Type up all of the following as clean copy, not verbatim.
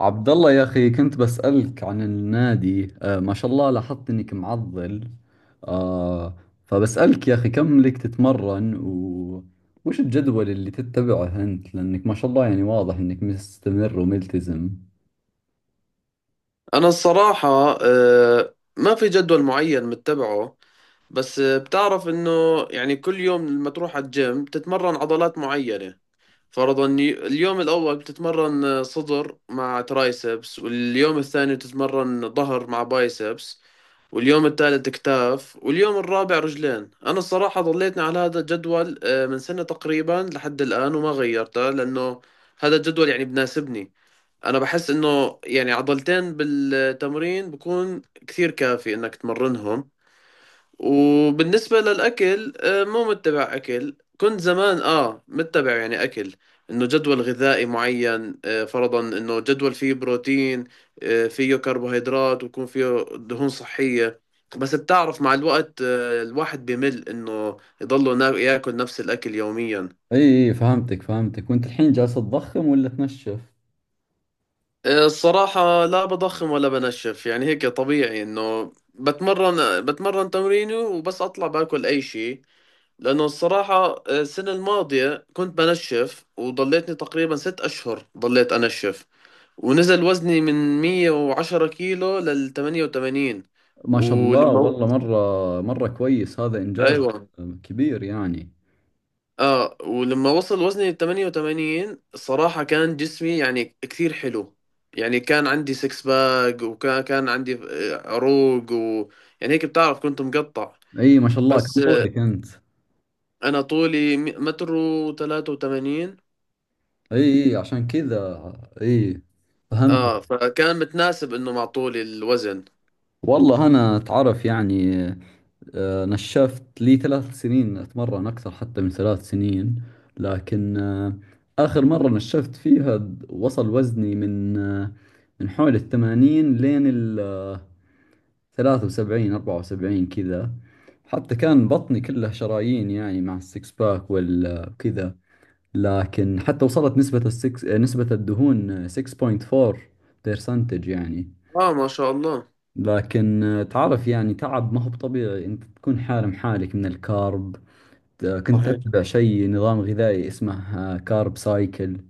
عبد الله، يا أخي، كنت بسألك عن النادي. ما شاء الله، لاحظت إنك معضل. آه فبسألك يا أخي، كم لك تتمرن وش الجدول اللي تتبعه أنت؟ لأنك ما شاء الله يعني واضح إنك مستمر وملتزم. أنا الصراحة، ما في جدول معين متبعه. بس بتعرف إنه يعني كل يوم لما تروح على الجيم بتتمرن عضلات معينة. فرضا اليوم الأول بتتمرن صدر مع ترايسبس، واليوم الثاني بتتمرن ظهر مع بايسبس، واليوم الثالث كتاف، واليوم الرابع رجلين. أنا الصراحة ضليتني على هذا الجدول من سنة تقريبا لحد الآن وما غيرته، لأنه هذا الجدول يعني بناسبني. انا بحس انه يعني عضلتين بالتمرين بكون كثير كافي انك تمرنهم. وبالنسبة للاكل، مو متبع اكل. كنت زمان متبع يعني اكل، انه جدول غذائي معين، فرضا انه جدول فيه بروتين، فيه كربوهيدرات، ويكون فيه دهون صحية. بس بتعرف مع الوقت الواحد بمل انه يضله ياكل نفس الاكل يوميا. إي إي، فهمتك فهمتك، وأنت الحين جالس تضخم ولا تنشف؟ الصراحة لا بضخم ولا بنشف، يعني هيك طبيعي انه بتمرن تمريني وبس، اطلع باكل اي شيء. لانه الصراحة السنة الماضية كنت بنشف وضليتني تقريبا ست اشهر ضليت انشف، ونزل وزني من 110 كيلو لل 88. ما شاء الله، ولما، والله مرة مرة كويس، هذا إنجاز. ايوه، كبير يعني. اه ولما وصل وزني 88 الصراحة كان جسمي يعني كثير حلو. يعني كان عندي سكس باك، وكان عندي عروق، و يعني هيك بتعرف كنت مقطع. إي ما شاء الله، بس كم آه، طولك أنت؟ انا طولي متر وثلاثة وثمانين. إي إي، عشان كذا. إي، اه فهمت. فكان متناسب انه مع طولي الوزن. والله أنا تعرف يعني، نشفت لي ثلاث سنين أتمرن، أكثر حتى من ثلاث سنين. لكن آخر مرة نشفت فيها وصل وزني من من حول الثمانين لين الثلاثة وسبعين، أربعة وسبعين كذا. حتى كان بطني كله شرايين يعني، مع السكس باك والكذا. لكن حتى وصلت نسبة السكس نسبة الدهون 6.4% يعني. اه ما شاء الله. لكن تعرف يعني، تعب، ما هو بطبيعي انت تكون حارم حالك من الكارب. كنت صحيح. اتبع شيء نظام غذائي اسمه كارب سايكل،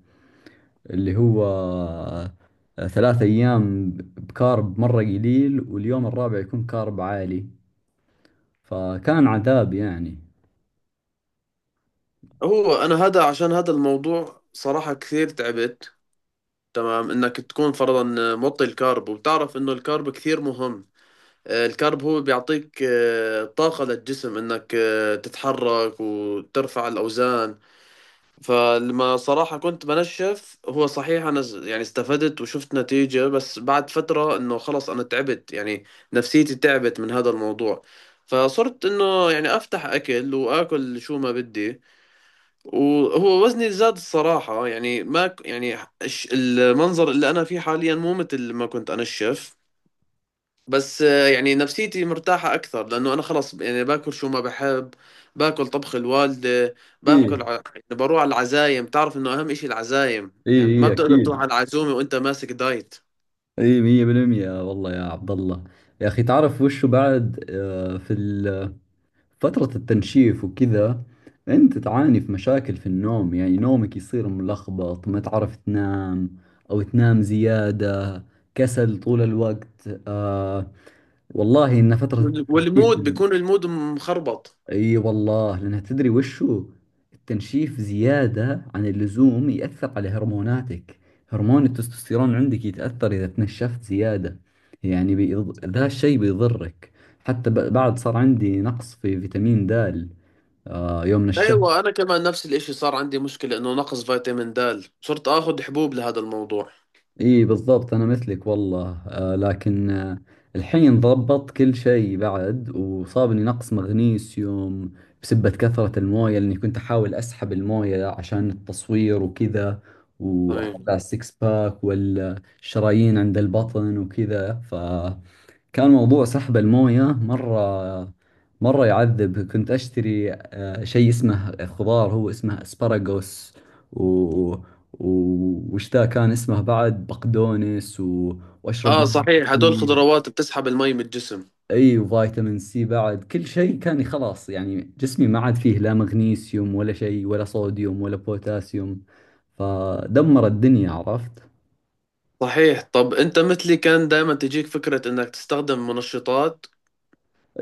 اللي هو ثلاث ايام بكارب مرة قليل، واليوم الرابع يكون كارب عالي. فكان عذاب يعني. هو انا هذا عشان هذا الموضوع صراحة كثير تعبت. تمام انك تكون فرضا موطي الكارب، وبتعرف انه الكارب كثير مهم. الكارب هو بيعطيك طاقة للجسم انك تتحرك وترفع الاوزان. فلما صراحة كنت بنشف، هو صحيح انا يعني استفدت وشفت نتيجة، بس بعد فترة انه خلص انا تعبت يعني، نفسيتي تعبت من هذا الموضوع. فصرت انه يعني افتح اكل واكل شو ما بدي، وهو وزني زاد الصراحة. يعني ما يعني المنظر اللي انا فيه حاليا مو مثل ما كنت انشف، بس آه، يعني نفسيتي مرتاحة أكثر لأنه أنا خلص يعني باكل شو ما بحب. باكل طبخ الوالدة، اي باكل يعني بروح على العزايم. تعرف إنه أهم إشي العزايم، اي، يعني ما اي بتقدر تروح اكيد. على العزومة وأنت ماسك دايت. اي مية بالمية، والله يا عبد الله، يا اخي، تعرف وشو بعد في فترة التنشيف وكذا، أنت تعاني في مشاكل في النوم؟ يعني نومك يصير ملخبط، ما تعرف تنام أو تنام زيادة، كسل طول الوقت. والله إن فترة التنشيف، والمود بيكون المود مخربط. أي والله، لأنها تدري وشو؟ التنشيف زيادة عن اللزوم يأثر على هرموناتك، هرمون التستوستيرون عندك يتأثر إذا تنشفت زيادة. يعني ذا الشيء بيضرك. حتى بعد صار عندي نقص في فيتامين د، يوم من الشهر. أيوة، أنا كمان نفس الإشي صار عندي مشكلة إنه نقص فيتامين د، صرت آخذ حبوب لهذا الموضوع. اي بالضبط، انا مثلك والله. لكن الحين ضبط كل شيء، بعد وصابني نقص مغنيسيوم بسبة كثرة الموية، لاني كنت احاول اسحب الموية عشان التصوير وكذا، صحيح. واطلع السكس باك والشرايين عند البطن وكذا. كان موضوع سحب المويه مره مره يعذب. كنت اشتري شيء اسمه خضار، هو اسمه اسبراغوس، و وش ذا كان اسمه بعد، بقدونس، واشرب آه مية صحيح، هدول كثير. خضروات بتسحب المي من الجسم. اي، وفيتامين سي بعد كل شيء. كان خلاص يعني جسمي ما عاد فيه لا مغنيسيوم ولا شيء ولا صوديوم ولا بوتاسيوم، فدمر الدنيا، عرفت. صحيح. طب أنت مثلي كان دائما تجيك فكرة إنك تستخدم منشطات؟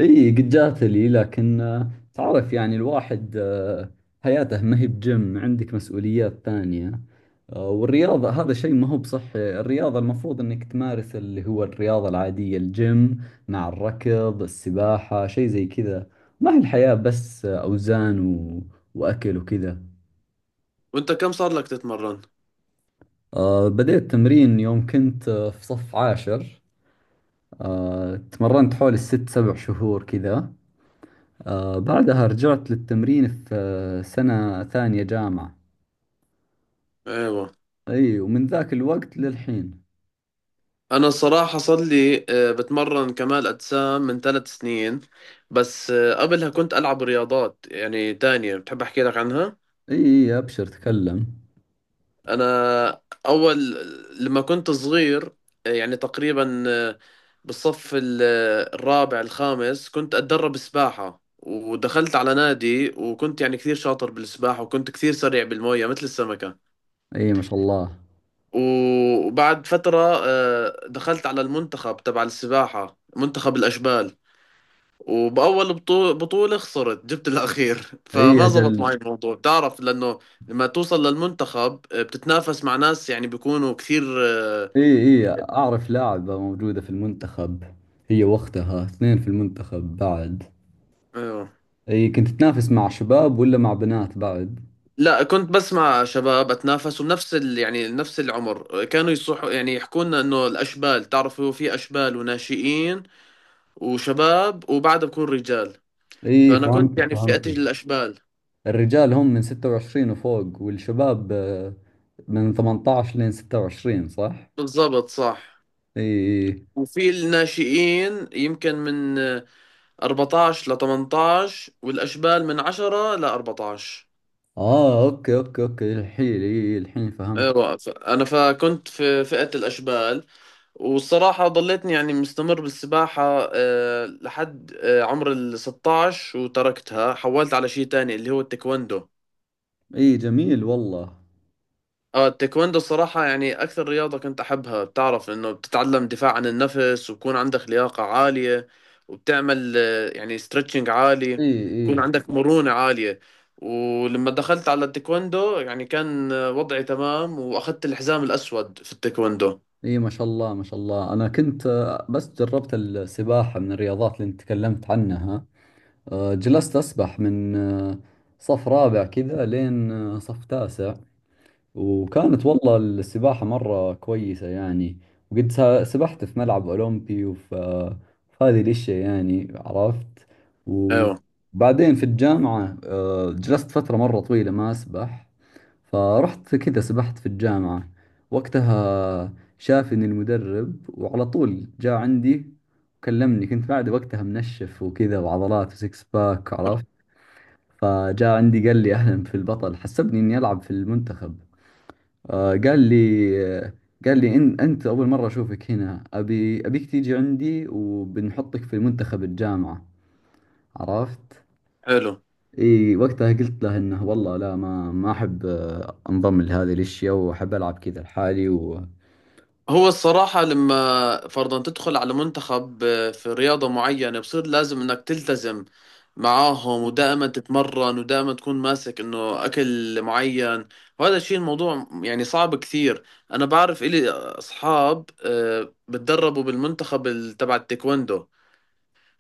اي قد جات لي، لكن تعرف يعني الواحد حياته ما هي بجيم، عندك مسؤوليات ثانية. والرياضة هذا شيء ما هو بصحي، الرياضة المفروض انك تمارس اللي هو الرياضة العادية، الجيم مع الركض، السباحة، شيء زي كذا. ما هي الحياة بس اوزان، و... واكل وكذا. وانت كم صار لك تتمرن؟ بديت تمرين يوم كنت في صف عاشر. تمرنت حوالي الست سبع شهور كذا. بعدها رجعت للتمرين في سنة ثانية جامعة. ايوه، اي، ومن ذاك الوقت للحين. انا الصراحة صار لي بتمرن كمال اجسام من ثلاث سنين. بس آه، قبلها كنت العب رياضات يعني تانية، بتحب احكي لك عنها؟ اي اي، ابشر تكلم. انا اول لما كنت صغير، يعني تقريبا بالصف الرابع الخامس كنت اتدرب سباحة، ودخلت على نادي، وكنت يعني كثير شاطر بالسباحة، وكنت كثير سريع بالمية مثل السمكة. اي ما شاء الله. وبعد فترة دخلت على المنتخب تبع السباحة، منتخب الأشبال. وبأول بطولة خسرت، جبت الأخير اي فما زبط معي اجل. الموضوع. بتعرف لأنه لما توصل للمنتخب بتتنافس مع ناس يعني بيكونوا كثير اي اي، اعرف لاعبة موجودة في المنتخب، هي وقتها اثنين في المنتخب بعد. آه، اي، كنت تنافس مع شباب ولا مع بنات بعد؟ لا، كنت بس مع شباب أتنافس وبنفس يعني نفس العمر. كانوا يصحوا يعني يحكوا لنا إنه الأشبال، تعرفوا في أشبال وناشئين وشباب وبعدها بكون رجال. اي، فأنا كنت فهمتك يعني في فئة فهمتك. الأشبال. الرجال هم من 26 وفوق، والشباب من 18 لين 26، صح؟ بالضبط صح. اي. وفي الناشئين يمكن من 14 ل 18، والأشبال من 10 ل 14. اه، اوكي اوكي اوكي، الحين اي، الحين فهمت. ايوه، انا فكنت في فئة الاشبال. والصراحة ضليتني يعني مستمر بالسباحة لحد عمر ال 16 وتركتها، حولت على شيء تاني اللي هو التايكوندو. اي، جميل والله. اه التايكوندو الصراحة يعني أكثر رياضة كنت أحبها. بتعرف إنه بتتعلم دفاع عن النفس، وبكون عندك لياقة عالية، وبتعمل يعني ستريتشنج اي عالي، اي. بكون عندك مرونة عالية. ولما دخلت على التايكوندو يعني كان وضعي تمام، وأخذت الحزام الأسود في التايكوندو. اي ما شاء الله، ما شاء الله. انا كنت بس جربت السباحة من الرياضات اللي انت تكلمت عنها. جلست اسبح من صف رابع كذا لين صف تاسع. وكانت والله السباحة مرة كويسة يعني. وقد سبحت في ملعب أولمبي، وف في هذه الأشياء يعني، عرفت. أيوه وبعدين في الجامعة جلست فترة مرة طويلة ما أسبح. فرحت كذا سبحت في الجامعة، وقتها شافني المدرب وعلى طول جاء عندي وكلمني، كنت بعد وقتها منشف وكذا، وعضلات وسكس باك، عرفت. فجاء عندي قال لي أهلا في البطل، حسبني إني ألعب في المنتخب. آه، قال لي آه، قال لي إن أنت أول مرة أشوفك هنا، أبي أبيك تيجي عندي وبنحطك في منتخب الجامعة، عرفت؟ حلو. إي، وقتها قلت له إنه والله لا، ما أحب أنضم لهذه الأشياء، وأحب ألعب كذا لحالي. و هو الصراحة لما فرضا تدخل على منتخب في رياضة معينة بصير لازم انك تلتزم معاهم ودائما تتمرن ودائما تكون ماسك انه اكل معين، وهذا الشيء الموضوع يعني صعب كثير. انا بعرف الي اصحاب بتدربوا بالمنتخب تبع التايكوندو،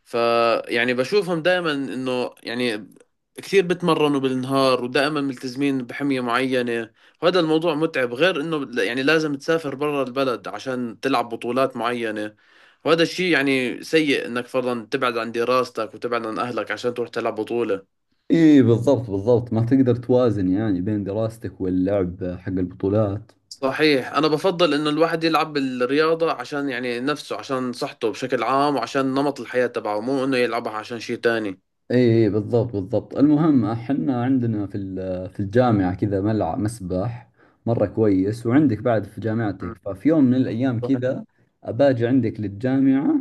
فيعني بشوفهم دائما انه يعني كثير بتمرنوا بالنهار ودائما ملتزمين بحمية معينة. وهذا الموضوع متعب، غير انه يعني لازم تسافر برا البلد عشان تلعب بطولات معينة، وهذا الشيء يعني سيء انك فرضا تبعد عن دراستك وتبعد عن اهلك عشان تروح تلعب بطولة. إي بالضبط بالضبط، ما تقدر توازن يعني بين دراستك واللعب حق البطولات. صحيح. انا بفضل انه الواحد يلعب بالرياضة عشان يعني نفسه، عشان صحته بشكل عام، وعشان نمط الحياة تبعه، مو انه يلعبها عشان شيء تاني. اي، إي بالضبط بالضبط. المهم احنا عندنا في في الجامعة كذا ملعب مسبح مرة كويس، وعندك بعد في م. جامعتك، ففي يوم من الايام صحيح. كذا اباجي عندك للجامعة،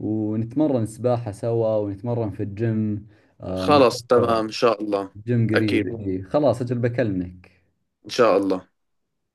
ونتمرن سباحة سوا ونتمرن في الجيم. خلص مرتفع تمام ان شاء الله. الجيم، قريب. اكيد إي خلاص، اجل بكلمك. ان شاء الله.